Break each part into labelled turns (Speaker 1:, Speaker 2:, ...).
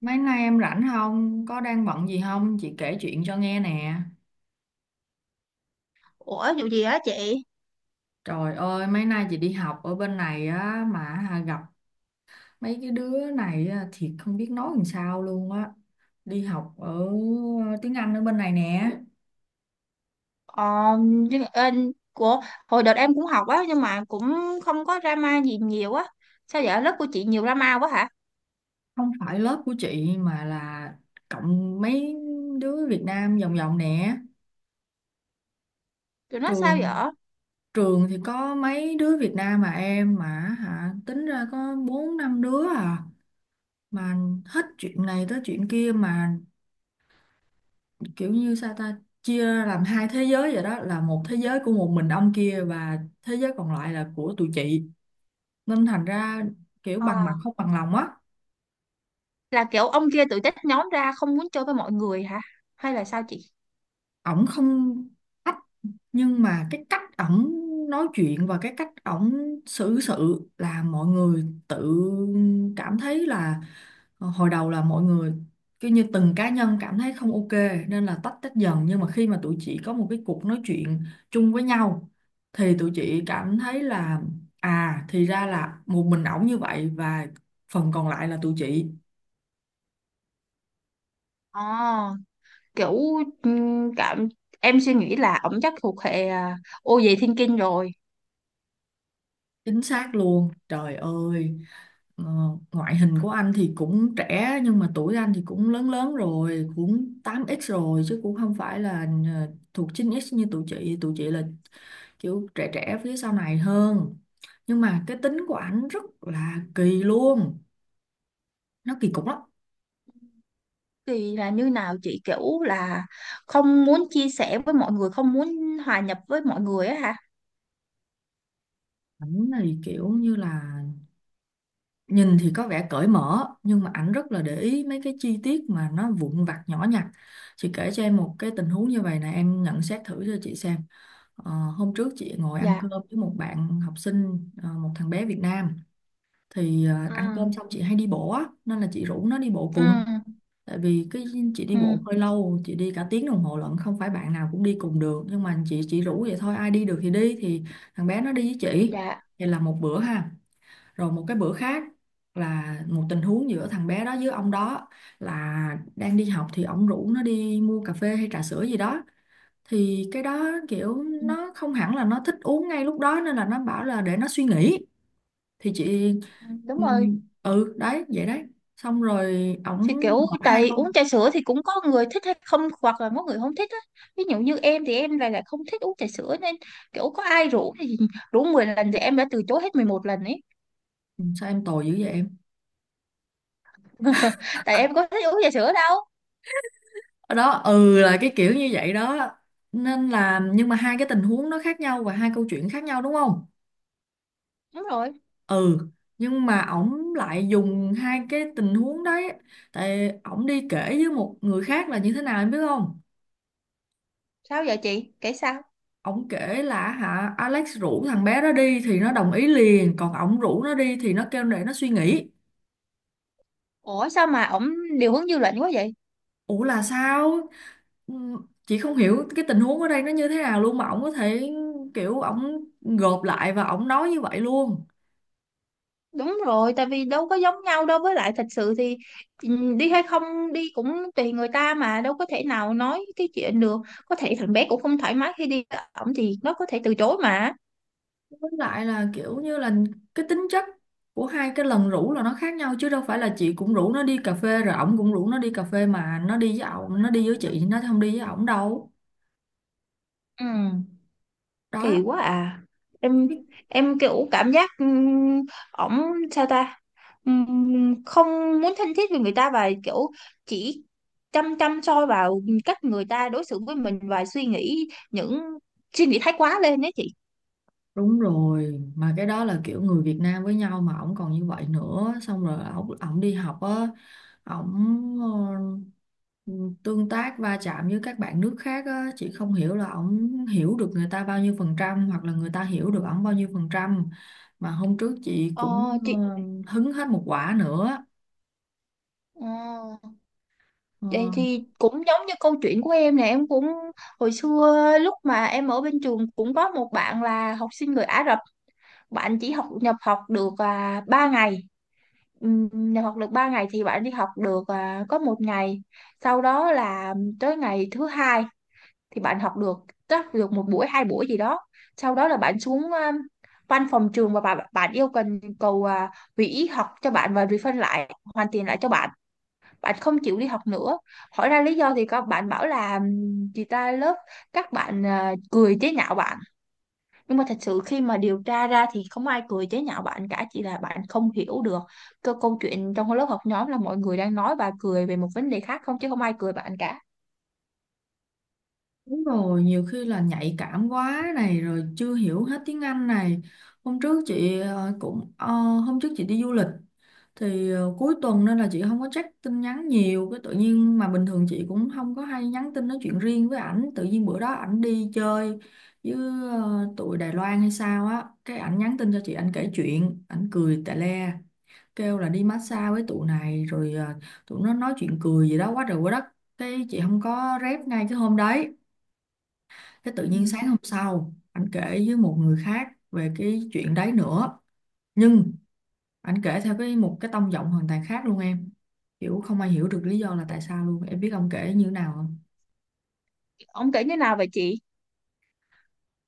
Speaker 1: Mấy nay em rảnh không? Có đang bận gì không? Chị kể chuyện cho nghe nè.
Speaker 2: Ủa vụ gì á chị?
Speaker 1: Trời ơi, mấy nay chị đi học ở bên này á mà hà gặp mấy cái đứa này á, thiệt không biết nói làm sao luôn á. Đi học ở tiếng Anh ở bên này nè.
Speaker 2: Ờ, nhưng em của hồi đợt em cũng học á, nhưng mà cũng không có drama gì nhiều á. Sao vậy? Lớp của chị nhiều drama quá hả?
Speaker 1: Không phải lớp của chị mà là cộng mấy đứa Việt Nam vòng vòng nè.
Speaker 2: Tụi nó sao
Speaker 1: Trường
Speaker 2: vậy?
Speaker 1: trường thì có mấy đứa Việt Nam mà em mà hả tính ra có bốn năm đứa à mà hết chuyện này tới chuyện kia mà kiểu như sao ta chia ra làm hai thế giới vậy đó, là một thế giới của một mình ông kia và thế giới còn lại là của tụi chị, nên thành ra kiểu bằng mặt
Speaker 2: À,
Speaker 1: không bằng lòng á.
Speaker 2: là kiểu ông kia tự tách nhóm ra không muốn chơi với mọi người hả? Hay là sao chị?
Speaker 1: Ổng không ách nhưng mà cái cách ổng nói chuyện và cái cách ổng xử sự là mọi người tự cảm thấy là hồi đầu là mọi người cứ như từng cá nhân cảm thấy không ok, nên là tách tách dần, nhưng mà khi mà tụi chị có một cái cuộc nói chuyện chung với nhau thì tụi chị cảm thấy là à thì ra là một mình ổng như vậy và phần còn lại là tụi chị.
Speaker 2: Ờ, kiểu cảm em suy nghĩ là ổng chắc thuộc hệ à, ô về thiên kinh rồi.
Speaker 1: Chính xác luôn trời ơi. ờ, Ngoại hình của anh thì cũng trẻ nhưng mà tuổi anh thì cũng lớn lớn rồi, cũng 8x rồi chứ cũng không phải là thuộc 9x như tụi chị là kiểu trẻ trẻ phía sau này hơn. Nhưng mà cái tính của ảnh rất là kỳ luôn, nó kỳ cục lắm.
Speaker 2: Thì là như nào chị, kiểu là không muốn chia sẻ với mọi người, không muốn hòa nhập với mọi người á hả?
Speaker 1: Ảnh này kiểu như là nhìn thì có vẻ cởi mở nhưng mà ảnh rất là để ý mấy cái chi tiết mà nó vụn vặt nhỏ nhặt. Chị kể cho em một cái tình huống như vậy nè, em nhận xét thử cho chị xem. Hôm trước chị ngồi ăn
Speaker 2: Dạ.
Speaker 1: cơm với một bạn học sinh, một thằng bé Việt Nam, thì
Speaker 2: Ừ.
Speaker 1: ăn cơm xong chị hay đi bộ á nên là chị rủ nó đi bộ
Speaker 2: Ừ.
Speaker 1: cùng. Tại vì cái chị đi
Speaker 2: Ừ,
Speaker 1: bộ hơi lâu, chị đi cả tiếng đồng hồ lận, không phải bạn nào cũng đi cùng được nhưng mà chị chỉ rủ vậy thôi, ai đi được thì đi, thì thằng bé nó đi với chị.
Speaker 2: dạ.
Speaker 1: Vậy là một bữa ha. Rồi một cái bữa khác là một tình huống giữa thằng bé đó với ông đó, là đang đi học thì ông rủ nó đi mua cà phê hay trà sữa gì đó, thì cái đó kiểu
Speaker 2: Ừ,
Speaker 1: nó không hẳn là nó thích uống ngay lúc đó nên là nó bảo là để nó suy nghĩ. Thì chị
Speaker 2: ừ, đúng
Speaker 1: ừ
Speaker 2: rồi.
Speaker 1: đấy vậy đấy, xong rồi ổng
Speaker 2: Thì kiểu
Speaker 1: nộp hai
Speaker 2: tại uống
Speaker 1: câu.
Speaker 2: trà sữa thì cũng có người thích hay không, hoặc là có người không thích á. Ví dụ như em thì em lại lại không thích uống trà sữa, nên kiểu có ai rủ thì rủ 10 lần thì em đã từ chối hết 11 lần ấy.
Speaker 1: Ừ, sao em tồi dữ vậy em.
Speaker 2: Tại em có thích uống trà sữa đâu.
Speaker 1: Ở đó là cái kiểu như vậy đó, nên là nhưng mà hai cái tình huống nó khác nhau và hai câu chuyện khác nhau đúng không?
Speaker 2: Đúng rồi.
Speaker 1: Ừ, nhưng mà ổng lại dùng hai cái tình huống đấy tại ổng đi kể với một người khác là như thế nào em biết không?
Speaker 2: Sao vậy chị kể sao?
Speaker 1: Ổng kể là hả Alex rủ thằng bé đó đi thì nó đồng ý liền, còn ổng rủ nó đi thì nó kêu để nó suy nghĩ.
Speaker 2: Ủa sao mà ổng điều hướng dư luận quá vậy?
Speaker 1: Ủa là sao? Chị không hiểu cái tình huống ở đây nó như thế nào luôn mà ổng có thể kiểu ổng gộp lại và ổng nói như vậy luôn.
Speaker 2: Đúng rồi, tại vì đâu có giống nhau đâu, với lại thật sự thì đi hay không đi cũng tùy người ta, mà đâu có thể nào nói cái chuyện được. Có thể thằng bé cũng không thoải mái khi đi với ổng thì nó có thể từ chối mà.
Speaker 1: Với lại là kiểu như là cái tính chất của hai cái lần rủ là nó khác nhau, chứ đâu phải là chị cũng rủ nó đi cà phê rồi ổng cũng rủ nó đi cà phê mà nó đi với ổng, nó đi với chị nó không đi với ổng đâu.
Speaker 2: Ừ, kỳ
Speaker 1: Đó.
Speaker 2: quá à. Em em kiểu cảm giác, ổng sao ta? Ừ, Không muốn thân thiết với người ta và kiểu chỉ chăm chăm soi vào cách người ta đối xử với mình, và suy nghĩ những suy nghĩ thái quá lên đấy chị.
Speaker 1: Đúng rồi, mà cái đó là kiểu người Việt Nam với nhau mà ổng còn như vậy nữa, xong rồi ổng ổng đi học á, ổng ờ, tương tác va chạm với các bạn nước khác á, chị không hiểu là ổng hiểu được người ta bao nhiêu phần trăm hoặc là người ta hiểu được ổng bao nhiêu phần trăm. Mà hôm trước chị
Speaker 2: Ờ,
Speaker 1: cũng ờ,
Speaker 2: chị
Speaker 1: hứng hết một quả nữa.
Speaker 2: Ờ,
Speaker 1: Ờ,
Speaker 2: Vậy thì cũng giống như câu chuyện của em nè, em cũng hồi xưa lúc mà em ở bên trường cũng có một bạn là học sinh người Ả Rập. Bạn chỉ học nhập học được 3 ngày. Nhập học được 3 ngày thì bạn đi học được có một ngày. Sau đó là tới ngày thứ hai thì bạn học được chắc được một buổi hai buổi gì đó. Sau đó là bạn xuống văn phòng trường, và bạn yêu cầu hủy học cho bạn và refund lại, hoàn tiền lại cho bạn. Bạn không chịu đi học nữa. Hỏi ra lý do thì các bạn bảo là chị ta lớp các bạn cười chế nhạo bạn. Nhưng mà thật sự khi mà điều tra ra thì không ai cười chế nhạo bạn cả, chỉ là bạn không hiểu được câu chuyện trong lớp học nhóm, là mọi người đang nói và cười về một vấn đề khác, không chứ không ai cười bạn cả.
Speaker 1: đúng rồi, nhiều khi là nhạy cảm quá này rồi chưa hiểu hết tiếng Anh này. Hôm trước chị ờ, cũng ờ, Hôm trước chị đi du lịch, thì cuối tuần nên là chị không có check tin nhắn nhiều, cái tự nhiên mà bình thường chị cũng không có hay nhắn tin nói chuyện riêng với ảnh, tự nhiên bữa đó ảnh đi chơi với tụi Đài Loan hay sao á, cái ảnh nhắn tin cho chị, ảnh kể chuyện ảnh cười tè le, kêu là đi massage với tụi này rồi tụi nó nói chuyện cười gì đó quá trời quá đất. Cái chị không có rep ngay cái hôm đấy, cái tự
Speaker 2: Ừ.
Speaker 1: nhiên sáng hôm sau ảnh kể với một người khác về cái chuyện đấy nữa. Nhưng ảnh kể theo cái một cái tông giọng hoàn toàn khác luôn em. Kiểu không ai hiểu được lý do là tại sao luôn. Em biết ông kể như thế nào không?
Speaker 2: Ông kể như nào vậy chị?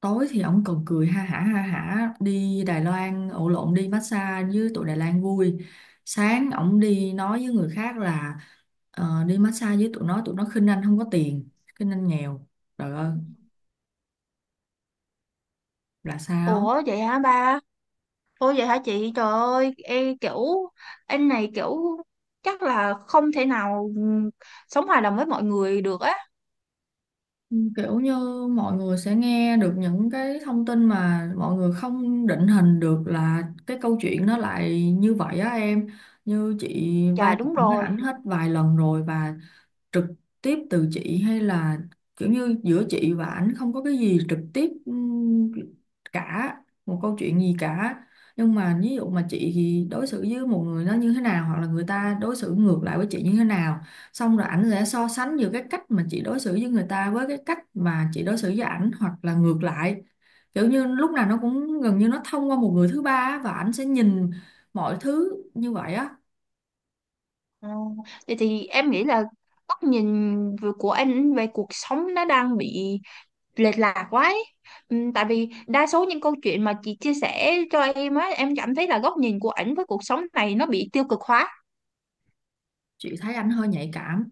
Speaker 1: Tối thì ông còn cười ha hả đi Đài Loan, ổ lộn, đi massage với tụi Đài Loan vui. Sáng ông đi nói với người khác là đi massage với tụi nó khinh anh không có tiền, khinh anh nghèo. Trời ơi, là sao?
Speaker 2: Ủa vậy hả ba? Ủa vậy hả chị, trời ơi em kiểu anh này kiểu chắc là không thể nào sống hòa đồng với mọi người được á.
Speaker 1: Ừ, kiểu như mọi người sẽ nghe được những cái thông tin mà mọi người không định hình được là cái câu chuyện nó lại như vậy á em. Như chị
Speaker 2: Chà,
Speaker 1: va
Speaker 2: đúng
Speaker 1: chạm với
Speaker 2: rồi.
Speaker 1: ảnh hết vài lần rồi và trực tiếp từ chị, hay là kiểu như giữa chị và ảnh không có cái gì trực tiếp cả, một câu chuyện gì cả, nhưng mà ví dụ mà chị thì đối xử với một người nó như thế nào hoặc là người ta đối xử ngược lại với chị như thế nào, xong rồi ảnh sẽ so sánh giữa cái cách mà chị đối xử với người ta với cái cách mà chị đối xử với ảnh hoặc là ngược lại. Kiểu như lúc nào nó cũng gần như nó thông qua một người thứ ba á, và ảnh sẽ nhìn mọi thứ như vậy á.
Speaker 2: Ờ, Vậy thì em nghĩ là góc nhìn của anh về cuộc sống nó đang bị lệch lạc quá ấy. Tại vì đa số những câu chuyện mà chị chia sẻ cho em á, em cảm thấy là góc nhìn của ảnh với cuộc sống này nó bị tiêu cực hóa.
Speaker 1: Chị thấy ảnh hơi nhạy cảm,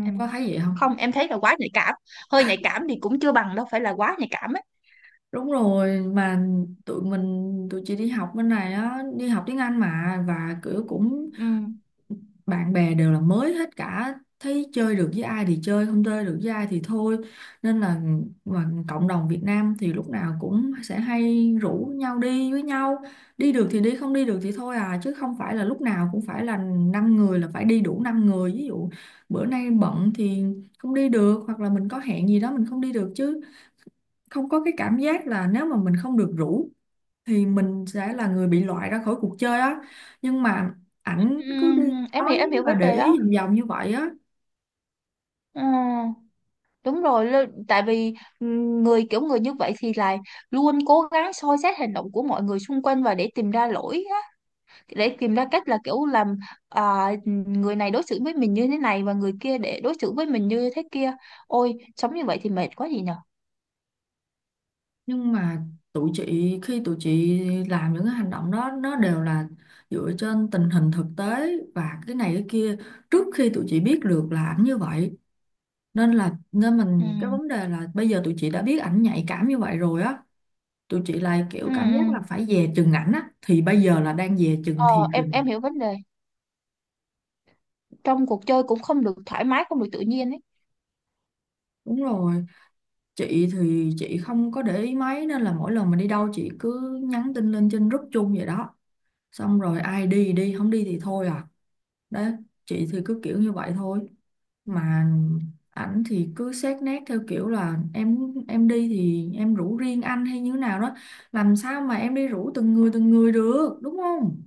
Speaker 1: em có thấy vậy không?
Speaker 2: Không, em thấy là quá nhạy cảm. Hơi nhạy cảm thì cũng chưa bằng đâu, phải là quá nhạy cảm ấy.
Speaker 1: Đúng rồi, mà tụi chị đi học bên này á, đi học tiếng Anh mà, và kiểu cũng
Speaker 2: Ừm.
Speaker 1: bạn bè đều là mới hết cả, thấy chơi được với ai thì chơi, không chơi được với ai thì thôi, nên là mà cộng đồng Việt Nam thì lúc nào cũng sẽ hay rủ nhau đi với nhau, đi được thì đi không đi được thì thôi à, chứ không phải là lúc nào cũng phải là năm người là phải đi đủ năm người, ví dụ bữa nay bận thì không đi được, hoặc là mình có hẹn gì đó mình không đi được, chứ không có cái cảm giác là nếu mà mình không được rủ thì mình sẽ là người bị loại ra khỏi cuộc chơi á. Nhưng mà ảnh cứ đi
Speaker 2: Em
Speaker 1: nói
Speaker 2: hiểu
Speaker 1: và
Speaker 2: vấn
Speaker 1: để
Speaker 2: đề
Speaker 1: ý
Speaker 2: đó.
Speaker 1: vòng vòng như vậy á.
Speaker 2: Ờ, Đúng rồi, tại vì kiểu người như vậy thì là luôn cố gắng soi xét hành động của mọi người xung quanh và để tìm ra lỗi, để tìm ra cách là kiểu làm người này đối xử với mình như thế này và người kia để đối xử với mình như thế kia. Ôi, sống như vậy thì mệt quá gì nhở.
Speaker 1: Nhưng mà tụi chị khi tụi chị làm những cái hành động đó nó đều là dựa trên tình hình thực tế và cái này cái kia, trước khi tụi chị biết được là ảnh như vậy, nên
Speaker 2: ừ
Speaker 1: mình, cái vấn đề là bây giờ tụi chị đã biết ảnh nhạy cảm như vậy rồi á, tụi chị lại kiểu
Speaker 2: ừ
Speaker 1: cảm giác
Speaker 2: ừ
Speaker 1: là phải dè chừng ảnh á, thì bây giờ là đang dè chừng thiệt
Speaker 2: ờ em
Speaker 1: rồi nè.
Speaker 2: em hiểu vấn đề, trong cuộc chơi cũng không được thoải mái, không được tự nhiên ấy.
Speaker 1: Đúng rồi, chị thì chị không có để ý mấy nên là mỗi lần mà đi đâu chị cứ nhắn tin lên trên group chung vậy đó, xong rồi ai đi thì đi không đi thì thôi à, đấy, chị thì cứ kiểu như vậy thôi. Mà ảnh thì cứ xét nét theo kiểu là em đi thì em rủ riêng anh hay như nào đó, làm sao mà em đi rủ từng người được đúng không?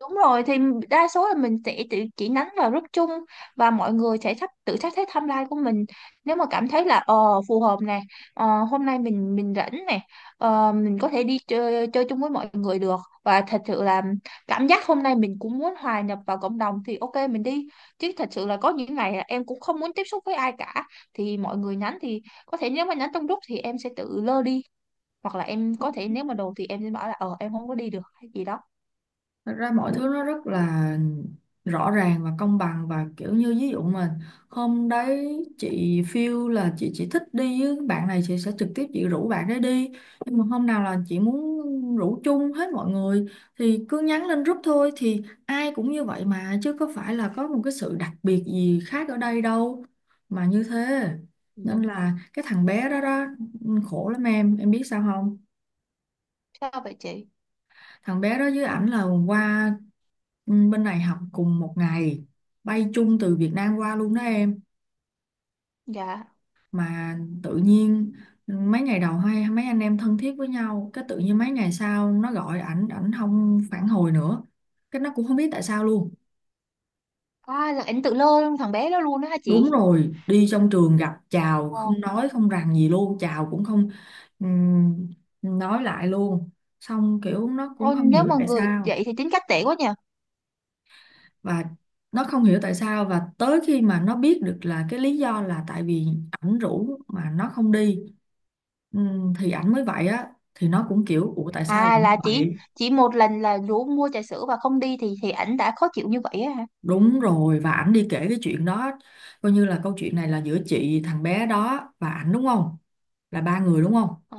Speaker 2: Đúng rồi, thì đa số là mình sẽ tự chỉ nhắn vào group chung và mọi người sẽ tự sắp xếp timeline của mình, nếu mà cảm thấy là phù hợp này, ờ, hôm nay mình rảnh này, mình có thể đi chơi chơi chung với mọi người được. Và thật sự là cảm giác hôm nay mình cũng muốn hòa nhập vào cộng đồng thì ok mình đi. Chứ thật sự là có những ngày là em cũng không muốn tiếp xúc với ai cả, thì mọi người nhắn thì có thể nếu mà nhắn trong group thì em sẽ tự lơ đi, hoặc là em có thể nếu mà đồ thì em sẽ bảo là em không có đi được hay gì đó.
Speaker 1: Thật ra mọi thứ nó rất là rõ ràng và công bằng, và kiểu như ví dụ mà hôm đấy chị feel là chị chỉ thích đi với bạn này, chị sẽ trực tiếp chị rủ bạn đấy đi, nhưng mà hôm nào là chị muốn rủ chung hết mọi người thì cứ nhắn lên group thôi, thì ai cũng như vậy mà chứ có phải là có một cái sự đặc biệt gì khác ở đây đâu, mà như thế, nên
Speaker 2: Đúng
Speaker 1: là cái thằng bé đó
Speaker 2: rồi.
Speaker 1: đó khổ lắm em biết sao không?
Speaker 2: Sao vậy chị?
Speaker 1: Thằng bé đó với ảnh là qua Bên này học cùng một ngày, bay chung từ Việt Nam qua luôn đó em.
Speaker 2: Dạ.
Speaker 1: Mà tự nhiên mấy ngày đầu hay mấy anh em thân thiết với nhau, cái tự nhiên mấy ngày sau nó gọi ảnh ảnh không phản hồi nữa, cái nó cũng không biết tại sao luôn.
Speaker 2: À là ảnh tự lơ thằng bé đó luôn đó hả
Speaker 1: Đúng
Speaker 2: chị?
Speaker 1: rồi, đi trong trường gặp chào
Speaker 2: Ồ.
Speaker 1: không nói không rằng gì luôn, chào cũng không. ừm, nói lại luôn, xong kiểu nó cũng
Speaker 2: Ôi,
Speaker 1: không
Speaker 2: nếu
Speaker 1: hiểu
Speaker 2: mà
Speaker 1: tại
Speaker 2: người
Speaker 1: sao.
Speaker 2: vậy thì tính cách tệ quá nhỉ.
Speaker 1: Và nó không hiểu tại sao, và tới khi mà nó biết được là cái lý do là tại vì ảnh rủ mà nó không đi, thì ảnh mới vậy á, thì nó cũng kiểu ủa tại sao lại
Speaker 2: À
Speaker 1: như
Speaker 2: là chỉ
Speaker 1: vậy.
Speaker 2: chỉ một lần là rủ mua trà sữa và không đi thì ảnh đã khó chịu như vậy á hả?
Speaker 1: Đúng rồi, và ảnh đi kể cái chuyện đó. Coi như là câu chuyện này là giữa chị, thằng bé đó và ảnh, đúng không, là ba người đúng không.
Speaker 2: Ờ,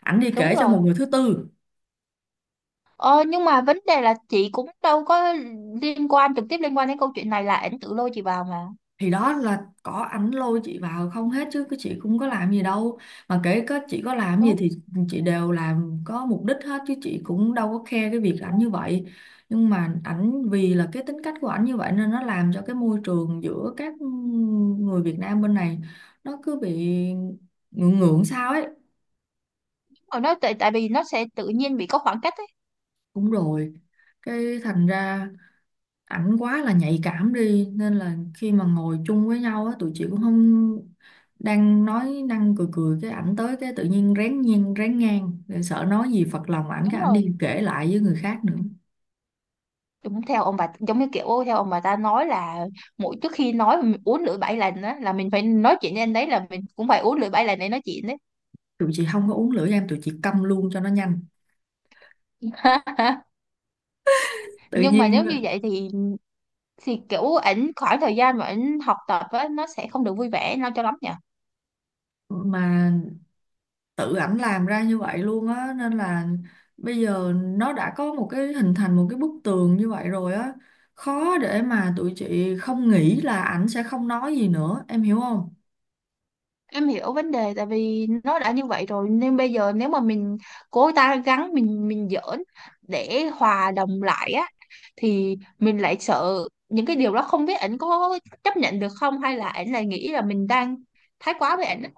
Speaker 1: Ảnh đi
Speaker 2: Đúng
Speaker 1: kể cho
Speaker 2: rồi.
Speaker 1: một người thứ tư.
Speaker 2: Ờ, nhưng mà vấn đề là chị cũng đâu có liên quan trực tiếp, liên quan đến câu chuyện này là ảnh tự lôi chị vào mà.
Speaker 1: Thì đó là có ảnh lôi chị vào không hết chứ cái chị cũng có làm gì đâu, mà kể có chị có làm gì
Speaker 2: Đúng.
Speaker 1: thì chị đều làm có mục đích hết chứ chị cũng đâu có khe cái việc ảnh như vậy. Nhưng mà ảnh vì là cái tính cách của ảnh như vậy nên nó làm cho cái môi trường giữa các người Việt Nam bên này nó cứ bị ngượng ngượng sao ấy.
Speaker 2: Rồi nó tại tại vì nó sẽ tự nhiên bị có khoảng cách ấy.
Speaker 1: Cũng rồi, cái thành ra ảnh quá là nhạy cảm đi, nên là khi mà ngồi chung với nhau á tụi chị cũng không, đang nói năng cười cười cái ảnh tới cái tự nhiên rén, ngang rồi, sợ nói gì phật lòng ảnh
Speaker 2: Đúng
Speaker 1: cái ảnh
Speaker 2: rồi.
Speaker 1: đi kể lại với người khác nữa.
Speaker 2: Đúng theo ông bà, giống như kiểu theo ông bà ta nói là mỗi trước khi nói mà mình uống lưỡi 7 lần á, là mình phải nói chuyện với anh đấy là mình cũng phải uống lưỡi 7 lần để nói chuyện đấy.
Speaker 1: Tụi chị không có uống lửa em, tụi chị câm luôn cho nó nhanh. Tự
Speaker 2: Nhưng mà
Speaker 1: nhiên
Speaker 2: nếu như vậy thì kiểu ảnh khoảng thời gian mà ảnh học tập á nó sẽ không được vui vẻ nó cho lắm nhỉ.
Speaker 1: mà tự ảnh làm ra như vậy luôn á, nên là bây giờ nó đã có một cái hình thành một cái bức tường như vậy rồi á, khó để mà tụi chị không nghĩ là ảnh sẽ không nói gì nữa, em hiểu không.
Speaker 2: Em hiểu vấn đề, tại vì nó đã như vậy rồi nên bây giờ nếu mà mình cố gắng mình giỡn để hòa đồng lại á, thì mình lại sợ những cái điều đó không biết ảnh có chấp nhận được không, hay là ảnh lại nghĩ là mình đang thái quá với ảnh á.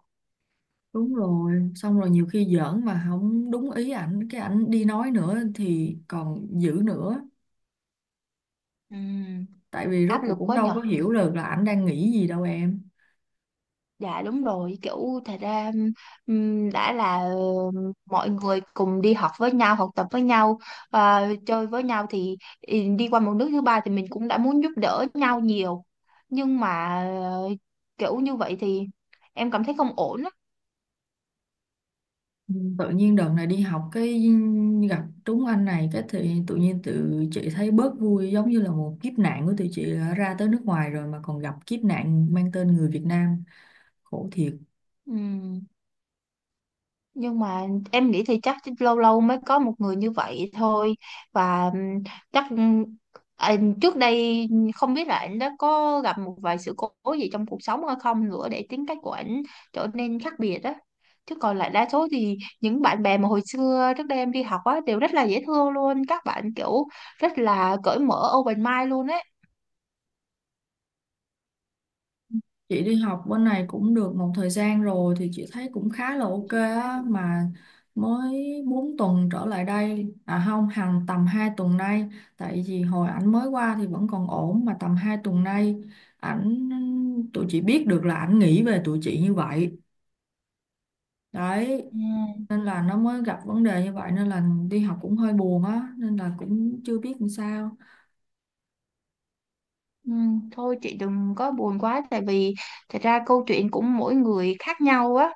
Speaker 1: Đúng rồi, xong rồi nhiều khi giỡn mà không đúng ý ảnh, cái ảnh đi nói nữa thì còn dữ nữa.
Speaker 2: Ừm,
Speaker 1: Tại vì rốt
Speaker 2: Áp
Speaker 1: cuộc
Speaker 2: lực
Speaker 1: cũng
Speaker 2: quá
Speaker 1: đâu
Speaker 2: nhở.
Speaker 1: có hiểu được là ảnh đang nghĩ gì đâu em.
Speaker 2: Dạ đúng rồi, kiểu thật ra đã là mọi người cùng đi học với nhau, học tập với nhau, chơi với nhau thì đi qua một nước thứ ba thì mình cũng đã muốn giúp đỡ nhau nhiều. Nhưng mà ờ, kiểu như vậy thì em cảm thấy không ổn á.
Speaker 1: Ừ, tự nhiên đợt này đi học cái gặp trúng anh này cái thì tự nhiên tụi chị thấy bớt vui, giống như là một kiếp nạn của tụi chị, đã ra tới nước ngoài rồi mà còn gặp kiếp nạn mang tên người Việt Nam. Khổ thiệt.
Speaker 2: Ừm. Nhưng mà em nghĩ thì chắc lâu lâu mới có một người như vậy thôi, và chắc anh trước đây không biết là anh đã có gặp một vài sự cố gì trong cuộc sống hay không nữa để tính cách của anh trở nên khác biệt đó. Chứ còn lại đa số thì những bạn bè mà hồi xưa trước đây em đi học á đều rất là dễ thương luôn, các bạn kiểu rất là cởi mở, open mind luôn ấy.
Speaker 1: Chị đi học bên này cũng được một thời gian rồi thì chị thấy cũng khá là ok
Speaker 2: Chị thấy
Speaker 1: á,
Speaker 2: cũng.
Speaker 1: mà mới 4 tuần trở lại đây, à không, hàng tầm 2 tuần nay, tại vì hồi ảnh mới qua thì vẫn còn ổn, mà tầm 2 tuần nay ảnh, tụi chị biết được là ảnh nghĩ về tụi chị như vậy đấy,
Speaker 2: Ừ.
Speaker 1: nên là nó mới gặp vấn đề như vậy, nên là đi học cũng hơi buồn á, nên là cũng chưa biết làm sao.
Speaker 2: Ừ, Thôi chị đừng có buồn quá, tại vì thật ra câu chuyện của mỗi người khác nhau á.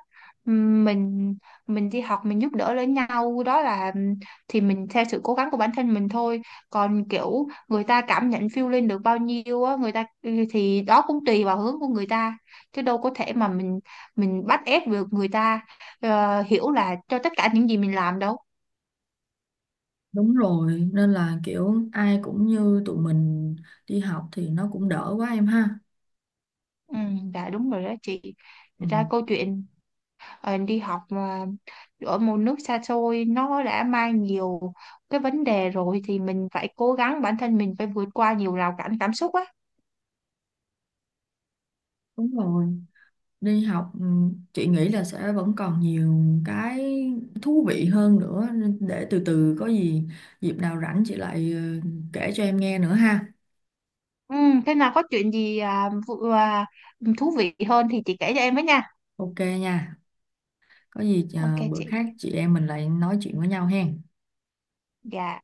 Speaker 2: Ừm, mình mình đi học mình giúp đỡ lẫn nhau, đó là thì mình theo sự cố gắng của bản thân mình thôi. Còn kiểu người ta cảm nhận feel lên được bao nhiêu á, người ta thì đó cũng tùy vào hướng của người ta, chứ đâu có thể mà mình bắt ép được người ta hiểu là cho tất cả những gì mình làm đâu.
Speaker 1: Đúng rồi, nên là kiểu ai cũng như tụi mình đi học thì nó cũng đỡ quá em ha.
Speaker 2: ừ, dạ đúng rồi đó chị.
Speaker 1: Ừ.
Speaker 2: Thật ra câu chuyện đi học mà ở một nước xa xôi nó đã mang nhiều cái vấn đề rồi, thì mình phải cố gắng bản thân mình phải vượt qua nhiều rào cản cảm xúc á.
Speaker 1: Đúng rồi, đi học ừ, chị nghĩ là sẽ vẫn còn nhiều cái thú vị hơn nữa, nên để từ từ có gì dịp nào rảnh chị lại ừ, kể cho em nghe nữa ha.
Speaker 2: ừ, Thế nào có chuyện gì thú vị hơn thì chị kể cho em với nha.
Speaker 1: Ok nha. Có gì
Speaker 2: Ok
Speaker 1: bữa
Speaker 2: chị.
Speaker 1: khác chị em mình lại nói chuyện với nhau hen.
Speaker 2: Dạ.